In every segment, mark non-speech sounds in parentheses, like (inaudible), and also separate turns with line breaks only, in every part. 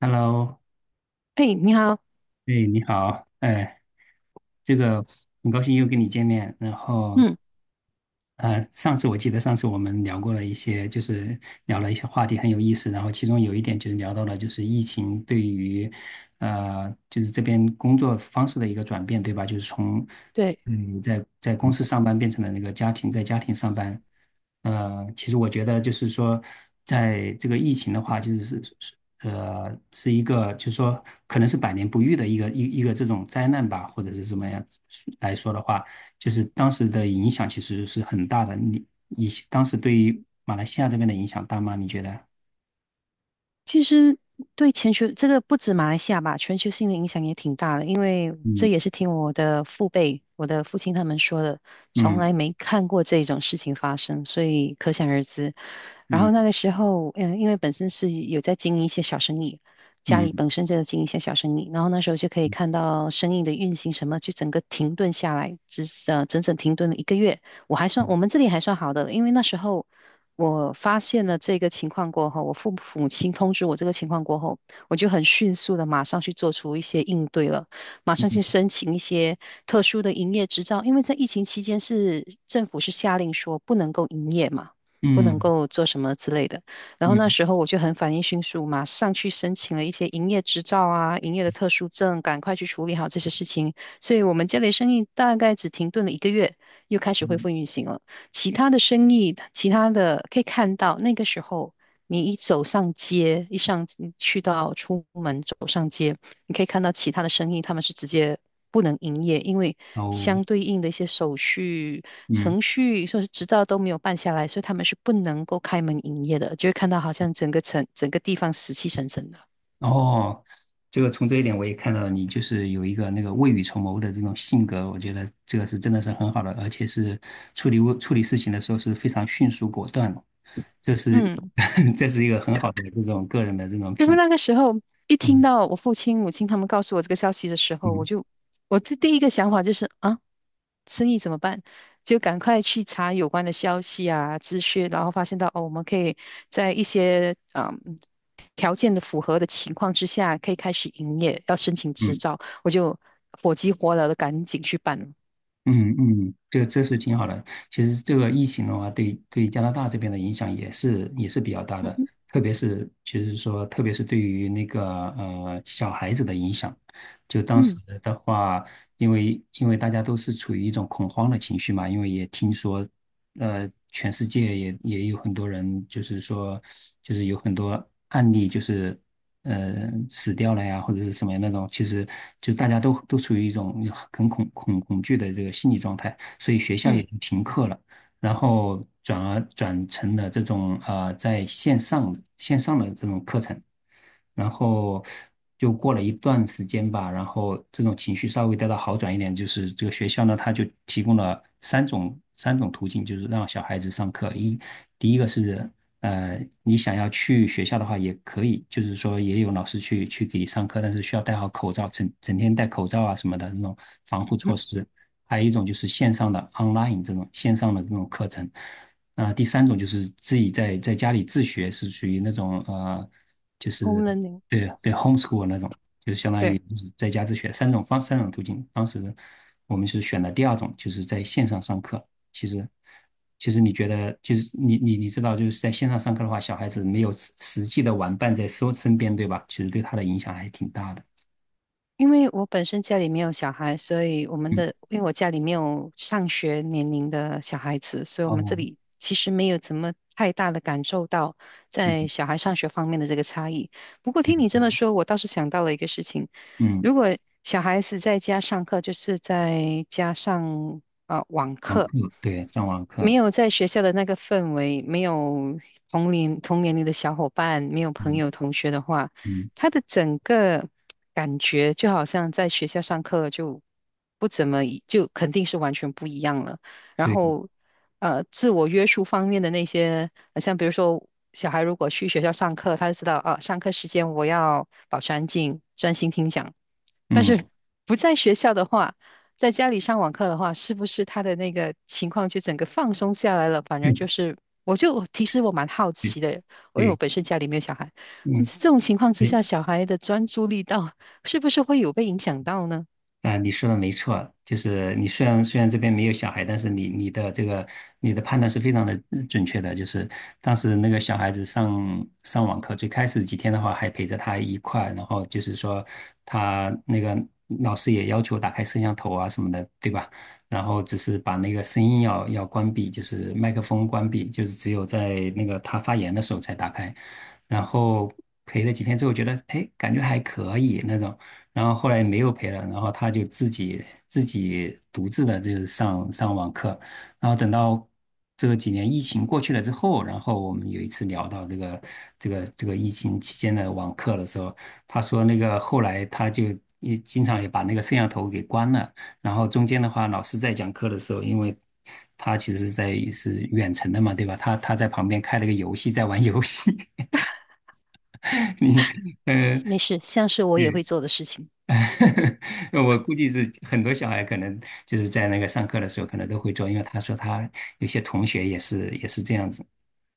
Hello，
嘿，你好。
哎，你好，哎，这个很高兴又跟你见面。然后，
嗯。
上次我们聊过了一些，就是聊了一些话题很有意思。然后其中有一点就是聊到了就是疫情对于，就是这边工作方式的一个转变，对吧？就是从
对。
你在公司上班变成了那个家庭，在家庭上班。呃，其实我觉得就是说，在这个疫情的话，就是是一个，就是说可能是百年不遇的一个一个这种灾难吧，或者是什么样来说的话，就是当时的影响其实是很大的。你当时对于马来西亚这边的影响大吗？你觉得？
其实对全球这个不止马来西亚吧，全球性的影响也挺大的，因为这
嗯，
也是听我的父辈、我的父亲他们说的，从
嗯，
来没看过这种事情发生，所以可想而知。然后
嗯，
那个时候，因为本身是有在经营一些小生意，家里
嗯，
本身就在经营一些小生意，然后那时候就可以看到生意的运行什么，就整个停顿下来，整整停顿了一个月。我们这里还算好的，因为那时候。我发现了这个情况过后，我父母亲通知我这个情况过后，我就很迅速的马上去做出一些应对了，马上去
嗯，
申请一些特殊的营业执照，因为在疫情期间是政府是下令说不能够营业嘛，不能
嗯，
够做什么之类的。然后那
嗯，
时候我就很反应迅速，马上去申请了一些营业执照啊、营业的特殊证，赶快去处理好这些事情。所以我们家里生意大概只停顿了一个月，又开始恢
嗯，
复运行了。其他的生意，其他的可以看到，那个时候你一走上街，你去到出门走上街，你可以看到其他的生意，他们是直接不能营业，因为
哦，
相对应的一些手续
嗯。
程序，说是执照都没有办下来，所以他们是不能够开门营业的，就会看到好像整个城整个地方死气沉沉的。
哦，这个从这一点我也看到你就是有一个那个未雨绸缪的这种性格，我觉得这个是真的是很好的，而且是处理事情的时候是非常迅速果断的，这是
嗯，
(laughs) 这是一个很好的这种个人的这种
因为
品，
那个时候一听
嗯，
到我父亲、母亲他们告诉我这个消息的时候，
嗯，
我的第一个想法就是啊。生意怎么办？就赶快去查有关的消息啊、资讯，然后发现到哦，我们可以在一些条件的符合的情况之下，可以开始营业，要申请执
嗯，
照，我就火急火燎的赶紧去办了。
嗯，嗯，这个这是挺好的。其实这个疫情的话，对加拿大这边的影响也是比较大
嗯
的，
哼。
特别是对于那个小孩子的影响。就当时
嗯
的话，因为大家都是处于一种恐慌的情绪嘛，因为也听说，全世界也有很多人，就是说，就是有很多案例，就是死掉了呀，或者是什么那种，其实就大家都处于一种很恐惧的这个心理状态，所以学校也
嗯
就停课了。然后转而转成了这种在线上的线上的这种课程，然后就过了一段时间吧，然后这种情绪稍微得到好转一点，就是这个学校呢，他就提供了三种途径，就是让小孩子上课。一，第一个是你想要去学校的话也可以，就是说也有老师去给你上课，但是需要戴好口罩，整整天戴口罩啊什么的那种防护
嗯
措施。还有一种就是线上的 online 这种线上的这种课程，第三种就是自己在家里自学，是属于那种就是
，home learning。
对对 homeschool 那种，就是相当于
对。
就是在家自学三种途径。当时我们是选的第二种，就是在线上上课。其实其实你觉得就是你知道就是在线上上课的话，小孩子没有实际的玩伴在身边，对吧？其实对他的影响还挺大的。
因为我本身家里没有小孩，所以我们
嗯。
的，因为我家里没有上学年龄的小孩子，所以我们这
哦。
里其实没有怎么太大的感受到在
嗯，
小孩上学方面的这个差异。不过
嗯，
听你这么
嗯。
说，我倒是想到了一个事情，
嗯，
如果小孩子在家上课，就是在家上网
网
课。
课，对，上网
没
课。
有在学校的那个氛围，没有同年龄的小伙伴，没有朋
嗯，
友同学的话，
嗯。
他的整个感觉就好像在学校上课就不怎么一就肯定是完全不一样了。然
对。
后，自我约束方面的那些，像比如说小孩如果去学校上课，他就知道啊，上课时间我要保持安静，专心听讲。但
嗯
是不在学校的话，在家里上网课的话，是不是他的那个情况就整个放松下来了？反而就
(laughs)
是，我就其实我蛮好
对，
奇的，因为我
对。
本身家里没有小孩。
嗯。
这种情况之
对。
下，小孩的专注力是不是会有被影响到呢？
啊、你说的没错，就是你虽然这边没有小孩，但是你的判断是非常的准确的。就是当时那个小孩子上网课，最开始几天的话还陪着他一块儿，然后就是说他那个老师也要求打开摄像头啊什么的，对吧？然后只是把那个声音要关闭，就是麦克风关闭，就是只有在那个他发言的时候才打开。然后陪了几天之后，觉得哎，诶感觉还可以那种。然后后来没有陪了，然后他就自己独自的就是上网课，然后等到这个几年疫情过去了之后，然后我们有一次聊到这个疫情期间的网课的时候，他说那个后来他就也经常也把那个摄像头给关了，然后中间的话老师在讲课的时候，因为他其实是远程的嘛，对吧？他在旁边开了个游戏在玩游戏，(laughs) 你呃。
没事，像是我也会
嗯。
做的事情。
(laughs) 我估计是很多小孩可能就是在那个上课的时候可能都会做，因为他说他有些同学也是这样子，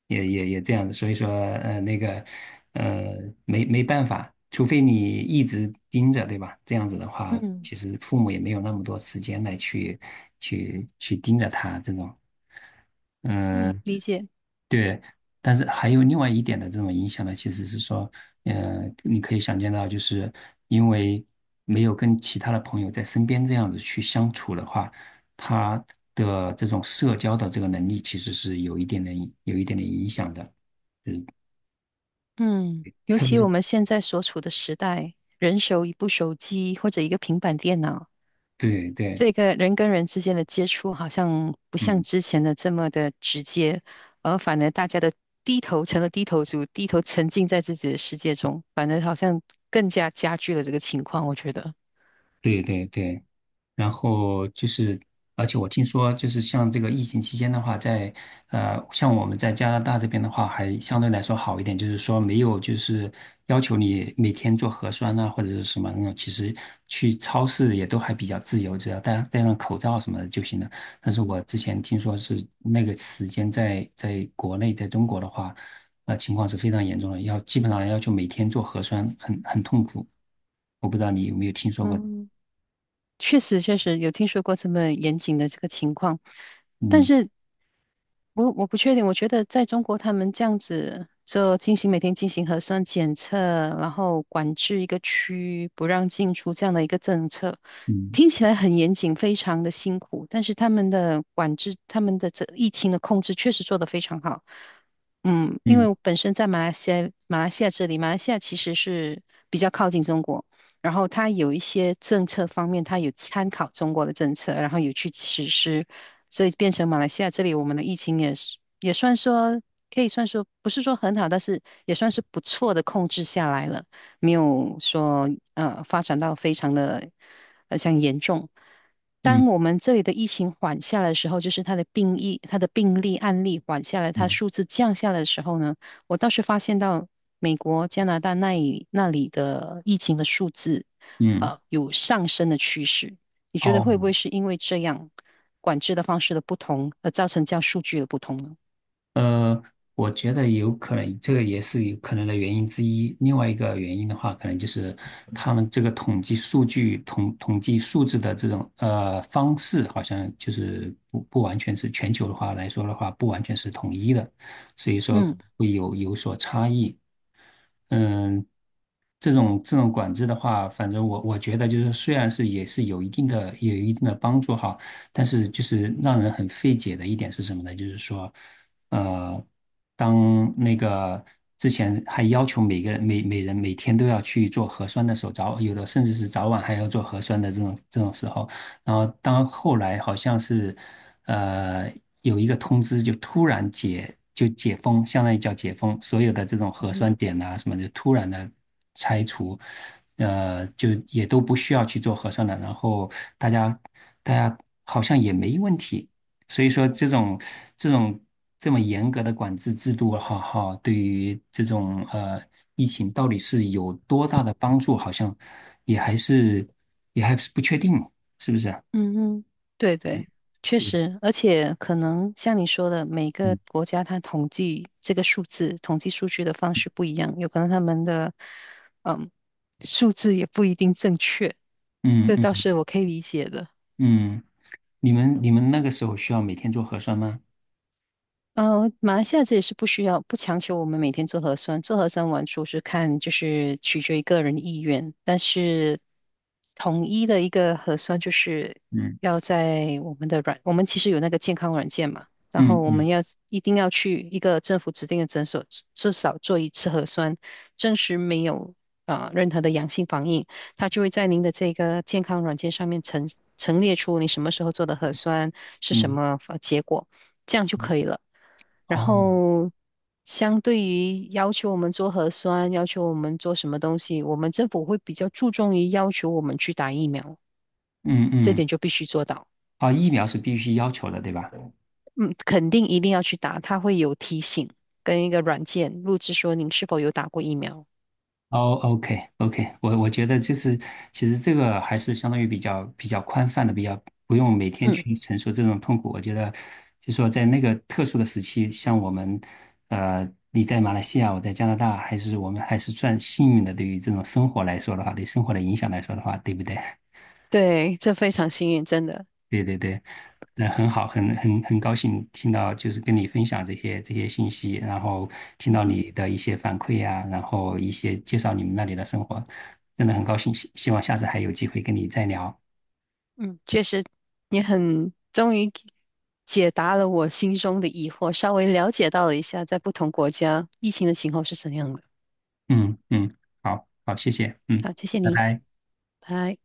也这样子，所以说那个呃没没办法，除非你一直盯着，对吧？这样子的话，
嗯
其实父母也没有那么多时间来去盯着他这种。
嗯，
嗯。
理解。
对，但是还有另外一点的这种影响呢，其实是说，你可以想见到，就是因为没有跟其他的朋友在身边这样子去相处的话，他的这种社交的这个能力其实是有一点点有一点点影响的。嗯，
嗯，尤
特别
其我
是。
们现在所处的时代，人手一部手机或者一个平板电脑，
对，对。
这个人跟人之间的接触好像不像
嗯。
之前的这么的直接，而反而大家的低头成了低头族，低头沉浸在自己的世界中，反而好像更加加剧了这个情况，我觉得。
对，对，对。然后就是，而且我听说，就是像这个疫情期间的话，在像我们在加拿大这边的话，还相对来说好一点，就是说没有就是要求你每天做核酸啊，或者是什么那种，其实去超市也都还比较自由，只要戴戴上口罩什么的就行了。但
嗯
是
哼。
我之前听说是那个时间在国内，在中国的话，情况是非常严重的，要基本上要求每天做核酸，很很痛苦。我不知道你有没有听说过？
嗯，确实，确实有听说过这么严谨的这个情况，但
嗯，
是我不确定。我觉得在中国，他们这样子就进行每天进行核酸检测，然后管制一个区不让进出这样的一个政策，
嗯，
听起来很严谨，非常的辛苦。但是他们的管制，他们的这疫情的控制确实做得非常好。嗯，因
嗯。
为我本身在马来西亚，马来西亚这里，马来西亚其实是比较靠近中国。然后它有一些政策方面，它有参考中国的政策，然后有去实施，所以变成马来西亚这里我们的疫情也算说可以算说不是说很好，但是也算是不错的控制下来了，没有说发展到非常的像严重。当
嗯，
我们这里的疫情缓下来的时候，就是它的病例案例缓下来，它
嗯，
数字降下来的时候呢？我倒是发现到美国、加拿大那里的疫情的数字，
嗯，
有上升的趋势。你觉得会不
哦。
会是因为这样管制的方式的不同，而造成这样数据的不同呢？
呃，我觉得有可能，这个也是有可能的原因之一。另外一个原因的话，可能就是他们这个统计数字的这种方式，好像就是不完全是，全球的话来说的话，不完全是统一的，所以说
嗯。
会有有所差异。嗯，这种这种管制的话，反正我我觉得就是，虽然是也是有一定的帮助哈，但是就是让人很费解的一点是什么呢？就是说，呃，当那个之前还要求每人每天都要去做核酸的时候，早有的甚至是早晚还要做核酸的这种这种时候，然后当后来好像是呃有一个通知，就突然解就解封，相当于叫解封，所有的这种
嗯
核
哼。
酸点呐什么就突然的拆除，就也都不需要去做核酸了，然后大家大家好像也没问题。所以说这种这种这么严格的管制制度，哈哈，对于这种疫情到底是有多大的帮助，好像也还是也还是不确定，是不是？
嗯哼。对对，确
对，
实，而且可能像你说的，每个
嗯，
国家它统计这个数字、统计数据的方式不一样，有可能他们的嗯数字也不一定正确，
嗯，
这
嗯，
倒是我可以理解的。
嗯。你们那个时候需要每天做核酸吗？
马来西亚这也是不需要，不强求我们每天做核酸，做核酸完出是看就是取决于个人意愿，但是统一的一个核酸就是
嗯，
要在我们的软，我们其实有那个健康软件嘛，然后
嗯，
我们
嗯，
要一定要去一个政府指定的诊所，至少做1次核酸，证实没有任何的阳性反应，它就会在您的这个健康软件上面陈列出你什么时候做的核酸是什
嗯，
么结果，这样就可以了。然
哦，
后相对于要求我们做核酸，要求我们做什么东西，我们政府会比较注重于要求我们去打疫苗，
嗯，
这
嗯。
点就必须做到。
啊，疫苗是必须要求的，对吧？
嗯，肯定一定要去打，它会有提醒跟一个软件录制说您是否有打过疫苗。
哦，OK，OK，我觉得就是其实这个还是相当于比较宽泛的，比较不用每天
嗯，
去承受这种痛苦。我觉得就说在那个特殊的时期，像我们，你在马来西亚，我在加拿大，还是我们还是算幸运的。对于这种生活来说的话，对生活的影响来说的话，对不对？
对，这非常幸运，真的。
对，对，对。那很好，很很高兴听到，就是跟你分享这些信息，然后听
嗯
到
哼。
你的一些反馈呀、然后一些介绍你们那里的生活，真的很高兴，希望下次还有机会跟你再聊。
嗯，确实，你很终于解答了我心中的疑惑，稍微了解到了一下在不同国家疫情的情况是怎样的。
嗯，嗯，好，好，谢谢。嗯，
好，谢谢
拜
你，
拜。
拜。